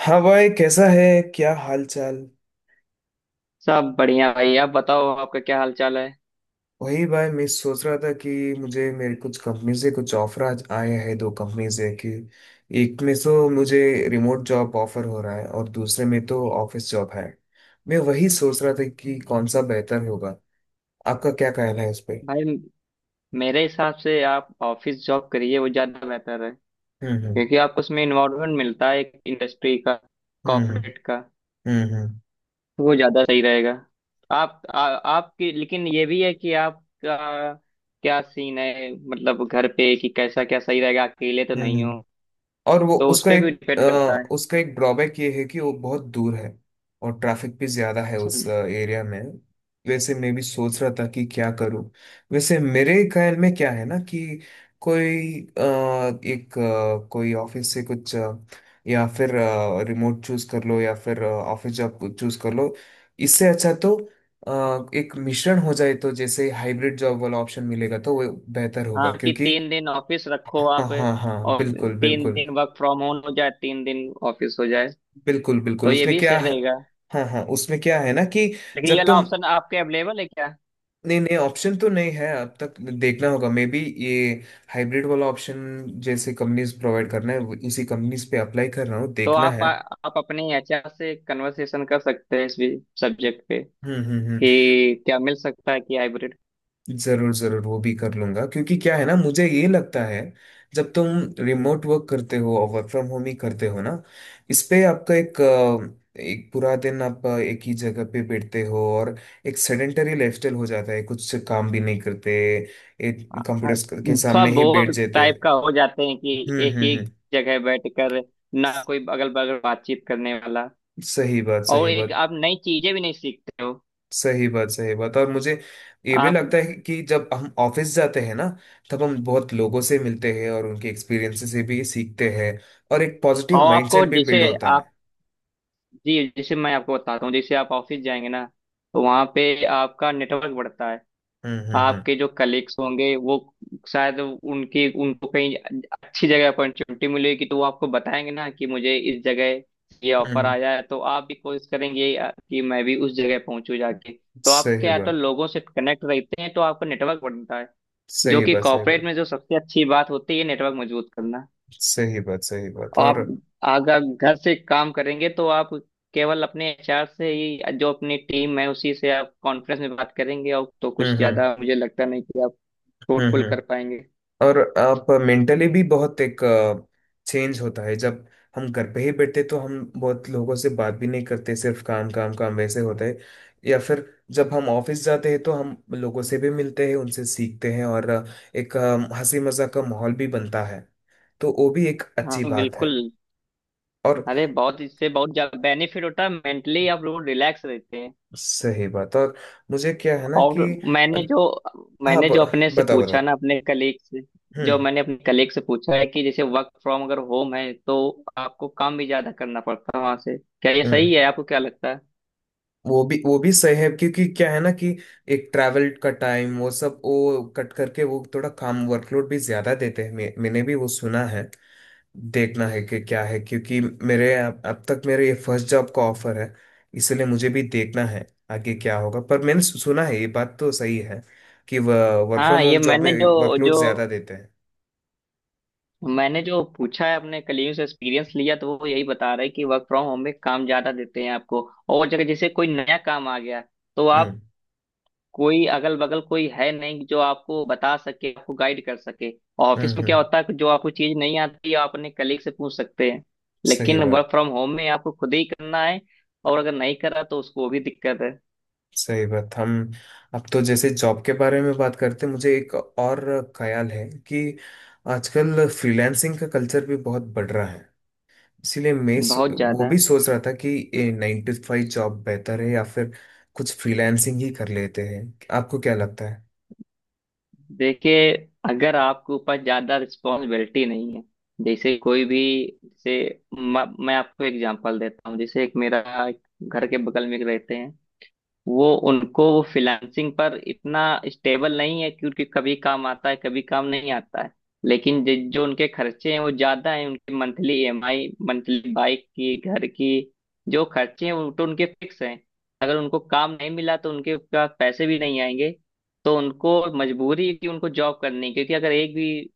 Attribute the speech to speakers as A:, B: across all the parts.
A: हाँ भाई कैसा है। क्या हाल चाल।
B: सब बढ़िया भाई। आप बताओ, आपका क्या हाल चाल है।
A: वही भाई मैं सोच रहा था कि मुझे मेरे कुछ कंपनी से कुछ ऑफर आज आए हैं, दो कंपनी से कि एक में तो मुझे रिमोट जॉब ऑफर हो रहा है और दूसरे में तो ऑफिस जॉब है। मैं वही सोच रहा था कि कौन सा बेहतर होगा। आपका क्या कहना है इस पे।
B: भाई, मेरे हिसाब से आप ऑफिस जॉब करिए, वो ज्यादा बेहतर है।
A: हम्म।
B: क्योंकि आपको उसमें इन्वॉल्वमेंट मिलता है एक इंडस्ट्री का,
A: हम्म।
B: कॉर्पोरेट का।
A: हम्म।
B: वो ज्यादा सही रहेगा। आप आ, आपकी लेकिन ये भी है कि आपका क्या सीन है, मतलब घर पे कि कैसा क्या सही रहेगा, अकेले तो नहीं हो।
A: हम्म। और वो
B: तो उस
A: उसका
B: पे
A: एक
B: भी डिपेंड करता है।
A: उसका एक ड्रॉबैक ये है कि वो बहुत दूर है। और ट्रैफिक भी ज्यादा है उस
B: हम्म।
A: एरिया में। वैसे मैं भी सोच रहा था कि क्या करूं। वैसे मेरे ख्याल में क्या है ना कि कोई एक कोई ऑफिस से कुछ या फिर रिमोट चूज कर लो या फिर ऑफिस जॉब चूज कर लो। इससे अच्छा तो एक मिश्रण हो जाए तो जैसे हाइब्रिड जॉब वाला ऑप्शन मिलेगा तो वो बेहतर होगा
B: हाँ कि
A: क्योंकि।
B: 3 दिन ऑफिस रखो
A: हाँ
B: आप,
A: हाँ हाँ,
B: और
A: बिल्कुल
B: तीन
A: बिल्कुल।
B: दिन वर्क फ्रॉम होम हो जाए, 3 दिन ऑफिस हो जाए,
A: बिल्कुल बिल्कुल,
B: तो ये
A: उसमें
B: भी
A: क्या
B: सही
A: है।
B: रहेगा।
A: हाँ हाँ, उसमें क्या है ना कि
B: लेकिन ये
A: जब
B: वाला
A: तुम
B: ऑप्शन आपके अवेलेबल है क्या?
A: नहीं नहीं, ऑप्शन तो नहीं है अब तक, देखना होगा मे बी। ये हाइब्रिड वाला ऑप्शन जैसे कंपनीज प्रोवाइड करना है, उसी कंपनीज पे अप्लाई कर रहा हूँ,
B: तो
A: देखना
B: आप
A: है।
B: आप अपने एचआर से कन्वर्सेशन कर सकते हैं इस भी सब्जेक्ट पे
A: हम्म।
B: कि क्या मिल सकता है, कि हाइब्रिड।
A: जरूर जरूर, वो भी कर लूंगा क्योंकि क्या है ना, मुझे ये लगता है जब तुम रिमोट वर्क करते हो और वर्क फ्रॉम होम ही करते हो ना, इस पे आपका एक एक पूरा दिन आप एक ही जगह पे बैठते हो और एक सेडेंटरी लाइफस्टाइल हो जाता है, कुछ काम भी नहीं करते, एक कंप्यूटर के
B: थोड़ा
A: सामने ही बैठ
B: बोर
A: जाते हैं।
B: टाइप का हो जाते हैं कि एक ही
A: हम्म।
B: जगह बैठकर, ना कोई अगल बगल बातचीत करने वाला,
A: सही बात
B: और
A: सही
B: एक
A: बात।
B: आप नई चीजें भी नहीं सीखते हो।
A: सही बात सही बात, और मुझे ये भी
B: आप,
A: लगता है कि जब हम ऑफिस जाते हैं ना, तब हम बहुत लोगों से मिलते हैं और उनके एक्सपीरियंसेस से भी सीखते हैं और एक पॉजिटिव
B: और आपको
A: माइंडसेट भी बिल्ड
B: जैसे,
A: होता है।
B: आप जी जैसे मैं आपको बताता हूँ, जैसे आप ऑफिस जाएंगे ना तो वहाँ पे आपका नेटवर्क बढ़ता है।
A: हम्म।
B: आपके जो कलीग्स होंगे वो, शायद उनकी उनको कहीं अच्छी जगह अपॉर्चुनिटी मिलेगी तो वो आपको बताएंगे ना कि मुझे इस जगह ये
A: हम्म
B: ऑफर
A: हम्म,
B: आया है, तो आप भी कोशिश करेंगे कि मैं भी उस जगह पहुंचू जाके। तो आप
A: सही
B: क्या है तो
A: बात
B: लोगों से कनेक्ट रहते हैं तो आपका नेटवर्क बनता है। जो
A: सही
B: कि
A: बात सही
B: कॉर्पोरेट
A: बात।
B: में जो सबसे अच्छी बात होती है, नेटवर्क मजबूत करना।
A: सही बात सही बात
B: और
A: और।
B: आप अगर घर से काम करेंगे तो आप केवल अपने एचआर से ही, जो अपनी टीम है उसी से आप कॉन्फ्रेंस में बात करेंगे, और तो
A: हम्म
B: कुछ
A: हम्म
B: ज्यादा मुझे लगता नहीं कि फ्रूटफुल कर
A: हम्म।
B: पाएंगे।
A: और आप मेंटली भी बहुत एक चेंज होता है, जब हम घर पे ही बैठते तो हम बहुत लोगों से बात भी नहीं करते, सिर्फ काम काम काम वैसे होता है, या फिर जब हम ऑफिस जाते हैं तो हम लोगों से भी मिलते हैं, उनसे सीखते हैं और एक हंसी मजाक का माहौल भी बनता है, तो वो भी एक
B: हाँ
A: अच्छी बात है।
B: बिल्कुल।
A: और।
B: अरे बहुत, इससे बहुत ज्यादा बेनिफिट होता है। मेंटली आप लोग रिलैक्स रहते हैं।
A: सही बात और मुझे क्या है ना
B: और
A: कि अ,
B: मैंने जो
A: हाँ,
B: मैंने जो अपने से
A: बताओ
B: पूछा
A: बताओ।
B: ना अपने कलीग से, जो
A: हम्म।
B: मैंने अपने कलीग से पूछा है कि जैसे वर्क फ्रॉम अगर होम है तो आपको काम भी ज्यादा करना पड़ता है वहां से, क्या ये
A: हम्म।
B: सही है, आपको क्या लगता है?
A: वो भी सही है क्योंकि क्या है ना कि एक ट्रैवल का टाइम वो सब वो कट करके वो थोड़ा काम वर्कलोड भी ज्यादा देते हैं, मैंने भी वो सुना है। देखना है कि क्या है क्योंकि मेरे अब तक मेरे ये फर्स्ट जॉब का ऑफर है, इसलिए मुझे भी देखना है आगे क्या होगा, पर मैंने सुना है ये बात तो सही है कि वर्क फ्रॉम
B: हाँ, ये
A: होम जॉब
B: मैंने
A: में
B: जो
A: वर्कलोड
B: जो
A: ज्यादा देते हैं।
B: मैंने जो पूछा है अपने कलीग से एक्सपीरियंस लिया, तो वो यही बता रहे हैं कि वर्क फ्रॉम होम में काम ज्यादा देते हैं आपको। और जगह जैसे कोई नया काम आ गया तो आप,
A: हम्म
B: कोई अगल बगल कोई है नहीं जो आपको बता सके, आपको गाइड कर सके। ऑफिस में क्या
A: हम्म।
B: होता है कि जो आपको चीज नहीं आती आप अपने कलीग से पूछ सकते हैं,
A: सही
B: लेकिन
A: बात
B: वर्क फ्रॉम होम में आपको खुद ही करना है। और अगर नहीं करा तो उसको भी दिक्कत है।
A: सही बात। हम। अब तो जैसे जॉब के बारे में बात करते हैं, मुझे एक और ख्याल है कि आजकल फ्रीलांसिंग का कल्चर भी बहुत बढ़ रहा है, इसीलिए मैं
B: बहुत
A: वो
B: ज्यादा।
A: भी सोच रहा था कि ये 9 to 5 जॉब बेहतर है या फिर कुछ फ्रीलांसिंग ही कर लेते हैं। आपको क्या लगता है।
B: देखिए, अगर आपके ऊपर ज्यादा रिस्पॉन्सिबिलिटी नहीं है, जैसे कोई भी, जैसे मैं आपको एग्जांपल देता हूँ, जैसे एक मेरा, एक घर के बगल में एक रहते हैं, वो उनको वो फ्रीलांसिंग पर इतना स्टेबल नहीं है, क्योंकि कभी काम आता है कभी काम नहीं आता है। लेकिन जो उनके खर्चे हैं वो ज्यादा हैं, उनकी मंथली ईएमआई, मंथली बाइक की, घर की, जो खर्चे हैं वो तो उनके फिक्स हैं। अगर उनको काम नहीं मिला तो उनके पास पैसे भी नहीं आएंगे। तो उनको मजबूरी है कि उनको जॉब करनी है, क्योंकि अगर एक भी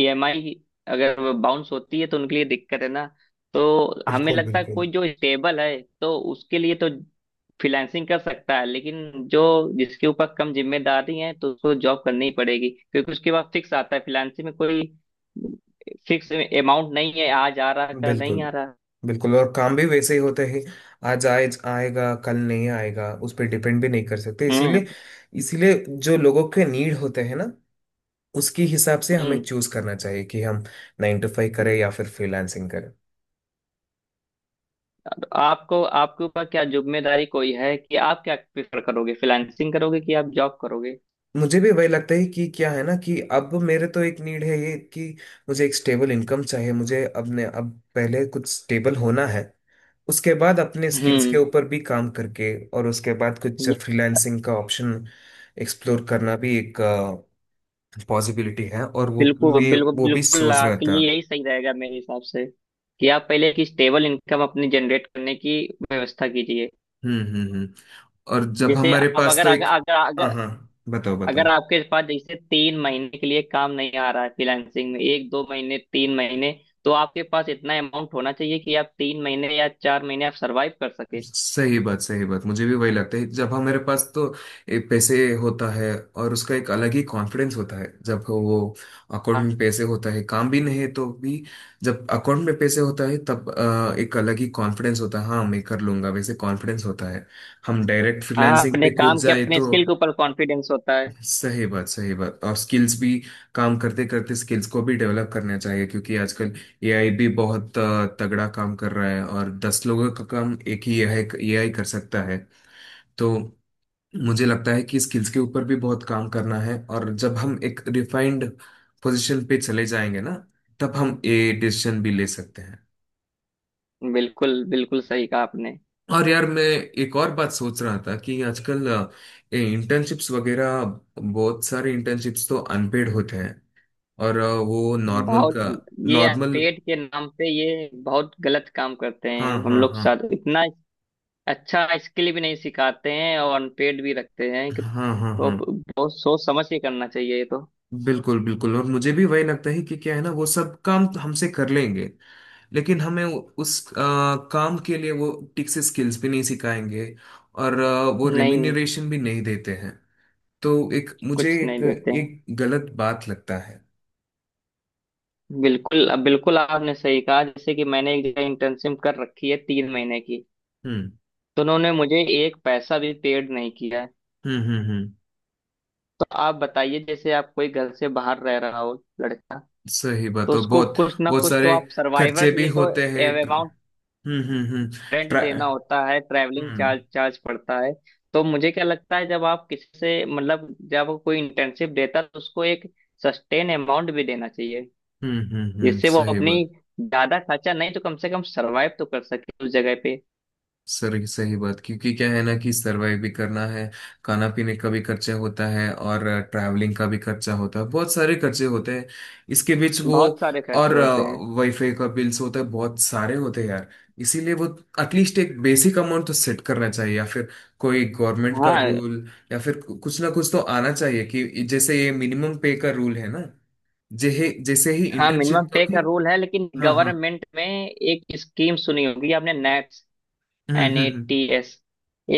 B: ईएमआई अगर बाउंस होती है तो उनके लिए दिक्कत है ना। तो हमें
A: बिल्कुल
B: लगता है
A: बिल्कुल।
B: कोई जो स्टेबल है तो उसके लिए तो फ्रीलांसिंग कर सकता है। लेकिन जो जिसके ऊपर कम जिम्मेदारी है तो उसको जॉब करनी ही पड़ेगी, क्योंकि उसके पास फिक्स आता है, फ्रीलांसिंग में कोई फिक्स अमाउंट नहीं है, आज आ रहा कल नहीं
A: बिल्कुल
B: आ रहा।
A: बिल्कुल, और काम भी वैसे ही होता है। आज आए आएगा कल नहीं आएगा, उस पर डिपेंड भी नहीं कर सकते इसीलिए।
B: हम्म
A: इसीलिए जो लोगों के नीड होते हैं ना, उसके हिसाब से हमें
B: हम्म।
A: चूज करना चाहिए कि हम 9 to 5 करें या फिर फ्रीलांसिंग करें।
B: तो आपको आपके ऊपर क्या जिम्मेदारी कोई है, कि आप क्या प्रेफर करोगे, फ्रीलांसिंग करोगे कि आप जॉब करोगे?
A: मुझे भी वही लगता है कि क्या है ना कि अब मेरे तो एक नीड है ये कि मुझे एक स्टेबल इनकम चाहिए, मुझे अपने अब पहले कुछ स्टेबल होना है। उसके बाद अपने स्किल्स के
B: हम्म।
A: ऊपर भी काम करके और उसके बाद कुछ फ्रीलांसिंग का ऑप्शन एक्सप्लोर करना भी एक पॉसिबिलिटी है, और वो
B: बिल्कुल
A: मैं
B: बिल्कुल
A: वो भी
B: बिल्कुल,
A: सोच रहा
B: आपके
A: था।
B: लिए यही सही रहेगा मेरे हिसाब से। कि आप पहले एक स्टेबल इनकम अपनी जनरेट करने की व्यवस्था कीजिए।
A: हम्म। और जब
B: जैसे
A: हमारे
B: आप
A: पास
B: अगर
A: तो
B: अगर
A: एक।
B: अगर
A: हाँ
B: अगर
A: हाँ, बताओ
B: अगर
A: बताओ।
B: आपके पास जैसे 3 महीने के लिए काम नहीं आ रहा है फ्रीलांसिंग में, एक दो महीने, 3 महीने, तो आपके पास इतना अमाउंट होना चाहिए कि आप 3 महीने या 4 महीने आप सरवाइव कर सके।
A: सही बात सही बात, मुझे भी वही लगता है, जब हमारे पास तो एक पैसे होता है और उसका एक अलग ही कॉन्फिडेंस होता है, जब वो अकाउंट में
B: हाँ।
A: पैसे होता है, काम भी नहीं है तो भी। जब अकाउंट में पैसे होता है तब एक अलग ही कॉन्फिडेंस होता है, हाँ मैं कर लूंगा वैसे कॉन्फिडेंस होता है। हम डायरेक्ट
B: हाँ,
A: फ्रीलांसिंग पे
B: अपने
A: कूद
B: काम के
A: जाए
B: अपने
A: तो।
B: स्किल के ऊपर कॉन्फिडेंस होता है।
A: सही बात सही बात, और स्किल्स भी काम करते करते स्किल्स को भी डेवलप करना चाहिए, क्योंकि आजकल एआई भी बहुत तगड़ा काम कर रहा है, और 10 लोगों का काम एक ही एआई एआई कर सकता है। तो मुझे लगता है कि स्किल्स के ऊपर भी बहुत काम करना है, और जब हम एक रिफाइंड पोजीशन पे चले जाएंगे ना, तब हम ये डिसीजन भी ले सकते हैं।
B: बिल्कुल बिल्कुल सही कहा आपने।
A: और यार मैं एक और बात सोच रहा था कि आजकल इंटर्नशिप्स वगैरह, बहुत सारे इंटर्नशिप्स तो अनपेड होते हैं, और वो नॉर्मल
B: बहुत,
A: का
B: ये
A: नॉर्मल।
B: पेट के नाम पे ये बहुत गलत काम करते हैं।
A: हाँ
B: हम
A: हाँ
B: लोग
A: हाँ।
B: साथ इतना अच्छा स्किल भी नहीं सिखाते हैं और अनपेड भी रखते हैं कि,
A: हाँ हाँ
B: वो
A: हाँ।
B: बहुत सोच समझ के करना चाहिए ये तो।
A: बिल्कुल बिल्कुल, और मुझे भी वही लगता है कि क्या है ना, वो सब काम तो हमसे कर लेंगे, लेकिन हमें उस काम के लिए वो ठीक से स्किल्स भी नहीं सिखाएंगे, और वो
B: नहीं,
A: रेम्यूनरेशन भी नहीं देते हैं। तो एक मुझे
B: कुछ
A: एक
B: नहीं देते हैं।
A: एक गलत बात लगता है।
B: बिल्कुल, अब बिल्कुल आपने सही कहा। जैसे कि मैंने एक जगह इंटर्नशिप कर रखी है, 3 महीने की।
A: हम्म
B: तो उन्होंने मुझे एक पैसा भी पेड नहीं किया है।
A: हम्म।
B: तो आप बताइए, जैसे आप कोई घर से बाहर रह रहा हो, लड़का,
A: सही बात
B: तो
A: और
B: उसको
A: बहुत।
B: कुछ ना
A: बहुत
B: कुछ तो
A: सारे
B: आप सर्वाइवर
A: खर्चे
B: के
A: भी
B: लिए तो
A: होते हैं
B: अमाउंट,
A: हम्म।
B: रेंट
A: ट्रा-
B: देना होता है, ट्रैवलिंग
A: हम्म
B: चार्ज चार्ज पड़ता है। तो मुझे क्या लगता है, जब आप किसी से, मतलब जब कोई इंटर्नशिप देता है तो उसको एक सस्टेन अमाउंट भी देना चाहिए,
A: हम्म।
B: जिससे वो
A: सही
B: अपनी
A: बात,
B: ज्यादा खर्चा नहीं तो कम से कम सरवाइव तो कर सके उस जगह पे।
A: सर सही बात, क्योंकि क्या है ना कि सरवाइव भी करना है। खाना पीने का भी खर्चा होता है और ट्रैवलिंग का भी खर्चा होता है, बहुत सारे खर्चे होते हैं, इसके बीच वो।
B: बहुत सारे खर्चे
A: और
B: होते हैं।
A: वाईफाई का बिल्स होता है, बहुत सारे होते हैं यार। इसीलिए वो एटलीस्ट एक बेसिक अमाउंट तो सेट करना चाहिए, या फिर कोई गवर्नमेंट का
B: हाँ।
A: रूल, या फिर कुछ ना कुछ तो आना चाहिए कि जैसे ये मिनिमम पे का रूल है ना, जैसे जैसे ही
B: हाँ मिनिमम
A: इंटर्नशिप का
B: पे
A: भी।
B: का रूल है, लेकिन
A: हाँ हाँ।
B: गवर्नमेंट में एक स्कीम सुनी होगी आपने, नैप्स, एन ए
A: हम्म।
B: T S.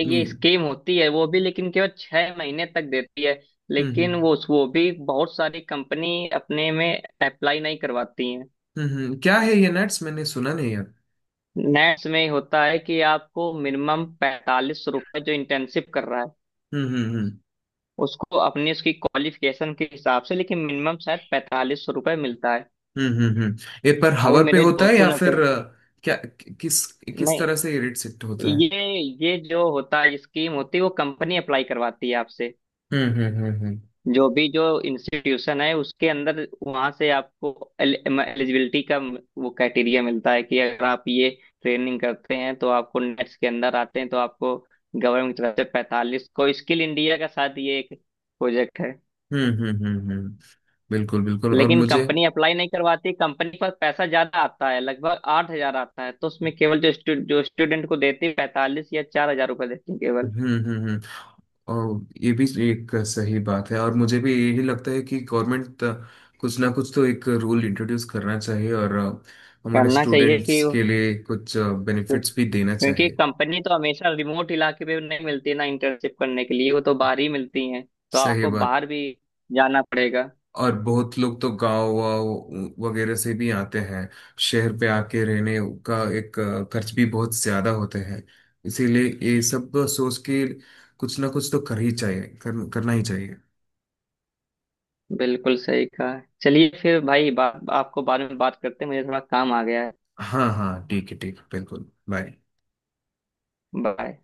B: एक ये
A: नहीं।
B: स्कीम होती है वो भी, लेकिन केवल 6 महीने तक देती है।
A: हम्म
B: लेकिन
A: हम्म
B: वो भी बहुत सारी कंपनी अपने में अप्लाई नहीं करवाती हैं।
A: क्या है ये नट्स, मैंने सुना नहीं है।
B: नेट्स में होता है कि आपको मिनिमम 45 रुपए, जो इंटर्नशिप कर रहा है
A: हम्म।
B: उसको, अपनी उसकी क्वालिफिकेशन के हिसाब से, लेकिन मिनिमम शायद 45 रुपए मिलता है।
A: हम्म हम्म हम्म। ये पर
B: अभी
A: हवर पे
B: मेरे
A: होता है
B: दोस्तों
A: या
B: ने कह
A: फिर क्या किस किस तरह से
B: नहीं,
A: इरिटेट होता है।
B: ये ये जो होता है स्कीम होती है, वो कंपनी अप्लाई करवाती है आपसे।
A: हम्म।
B: जो भी जो इंस्टीट्यूशन है उसके अंदर वहां से आपको एलिजिबिलिटी का वो क्राइटेरिया मिलता है, कि अगर आप ये ट्रेनिंग करते हैं तो आपको नेट्स के अंदर आते हैं तो आपको गवर्नमेंट की तरफ से पैंतालीस को, स्किल इंडिया का साथ ये एक प्रोजेक्ट है।
A: हम्म हम्म हम्म हम्म। बिल्कुल बिल्कुल और
B: लेकिन
A: मुझे।
B: कंपनी अप्लाई नहीं करवाती। कंपनी पर पैसा ज्यादा आता है, लगभग 8 हज़ार आता है, तो उसमें केवल जो जो स्टूडेंट को देती है 45 या 4 हज़ार रुपये देती है केवल।
A: हम्म। और ये भी एक सही बात है, और मुझे भी यही लगता है कि गवर्नमेंट कुछ ना कुछ तो एक रूल इंट्रोड्यूस करना चाहिए, और हमारे
B: करना चाहिए कि,
A: स्टूडेंट्स के लिए कुछ बेनिफिट्स भी देना
B: क्योंकि
A: चाहिए।
B: कंपनी तो हमेशा रिमोट इलाके पे नहीं मिलती ना इंटर्नशिप करने के लिए, वो तो बाहर ही मिलती हैं, तो
A: सही
B: आपको
A: बात,
B: बाहर भी जाना पड़ेगा।
A: और बहुत लोग तो गांव वाव वगैरह से भी आते हैं, शहर पे आके रहने का एक खर्च भी बहुत ज्यादा होते हैं। इसीलिए ये सब सोच के कुछ ना कुछ तो कर ही चाहिए, करना ही चाहिए।
B: बिल्कुल सही कहा। चलिए फिर भाई आपको बाद में बात करते हैं, मुझे थोड़ा काम आ गया है।
A: हाँ हाँ, ठीक है ठीक है, बिल्कुल, बाय।
B: बाय।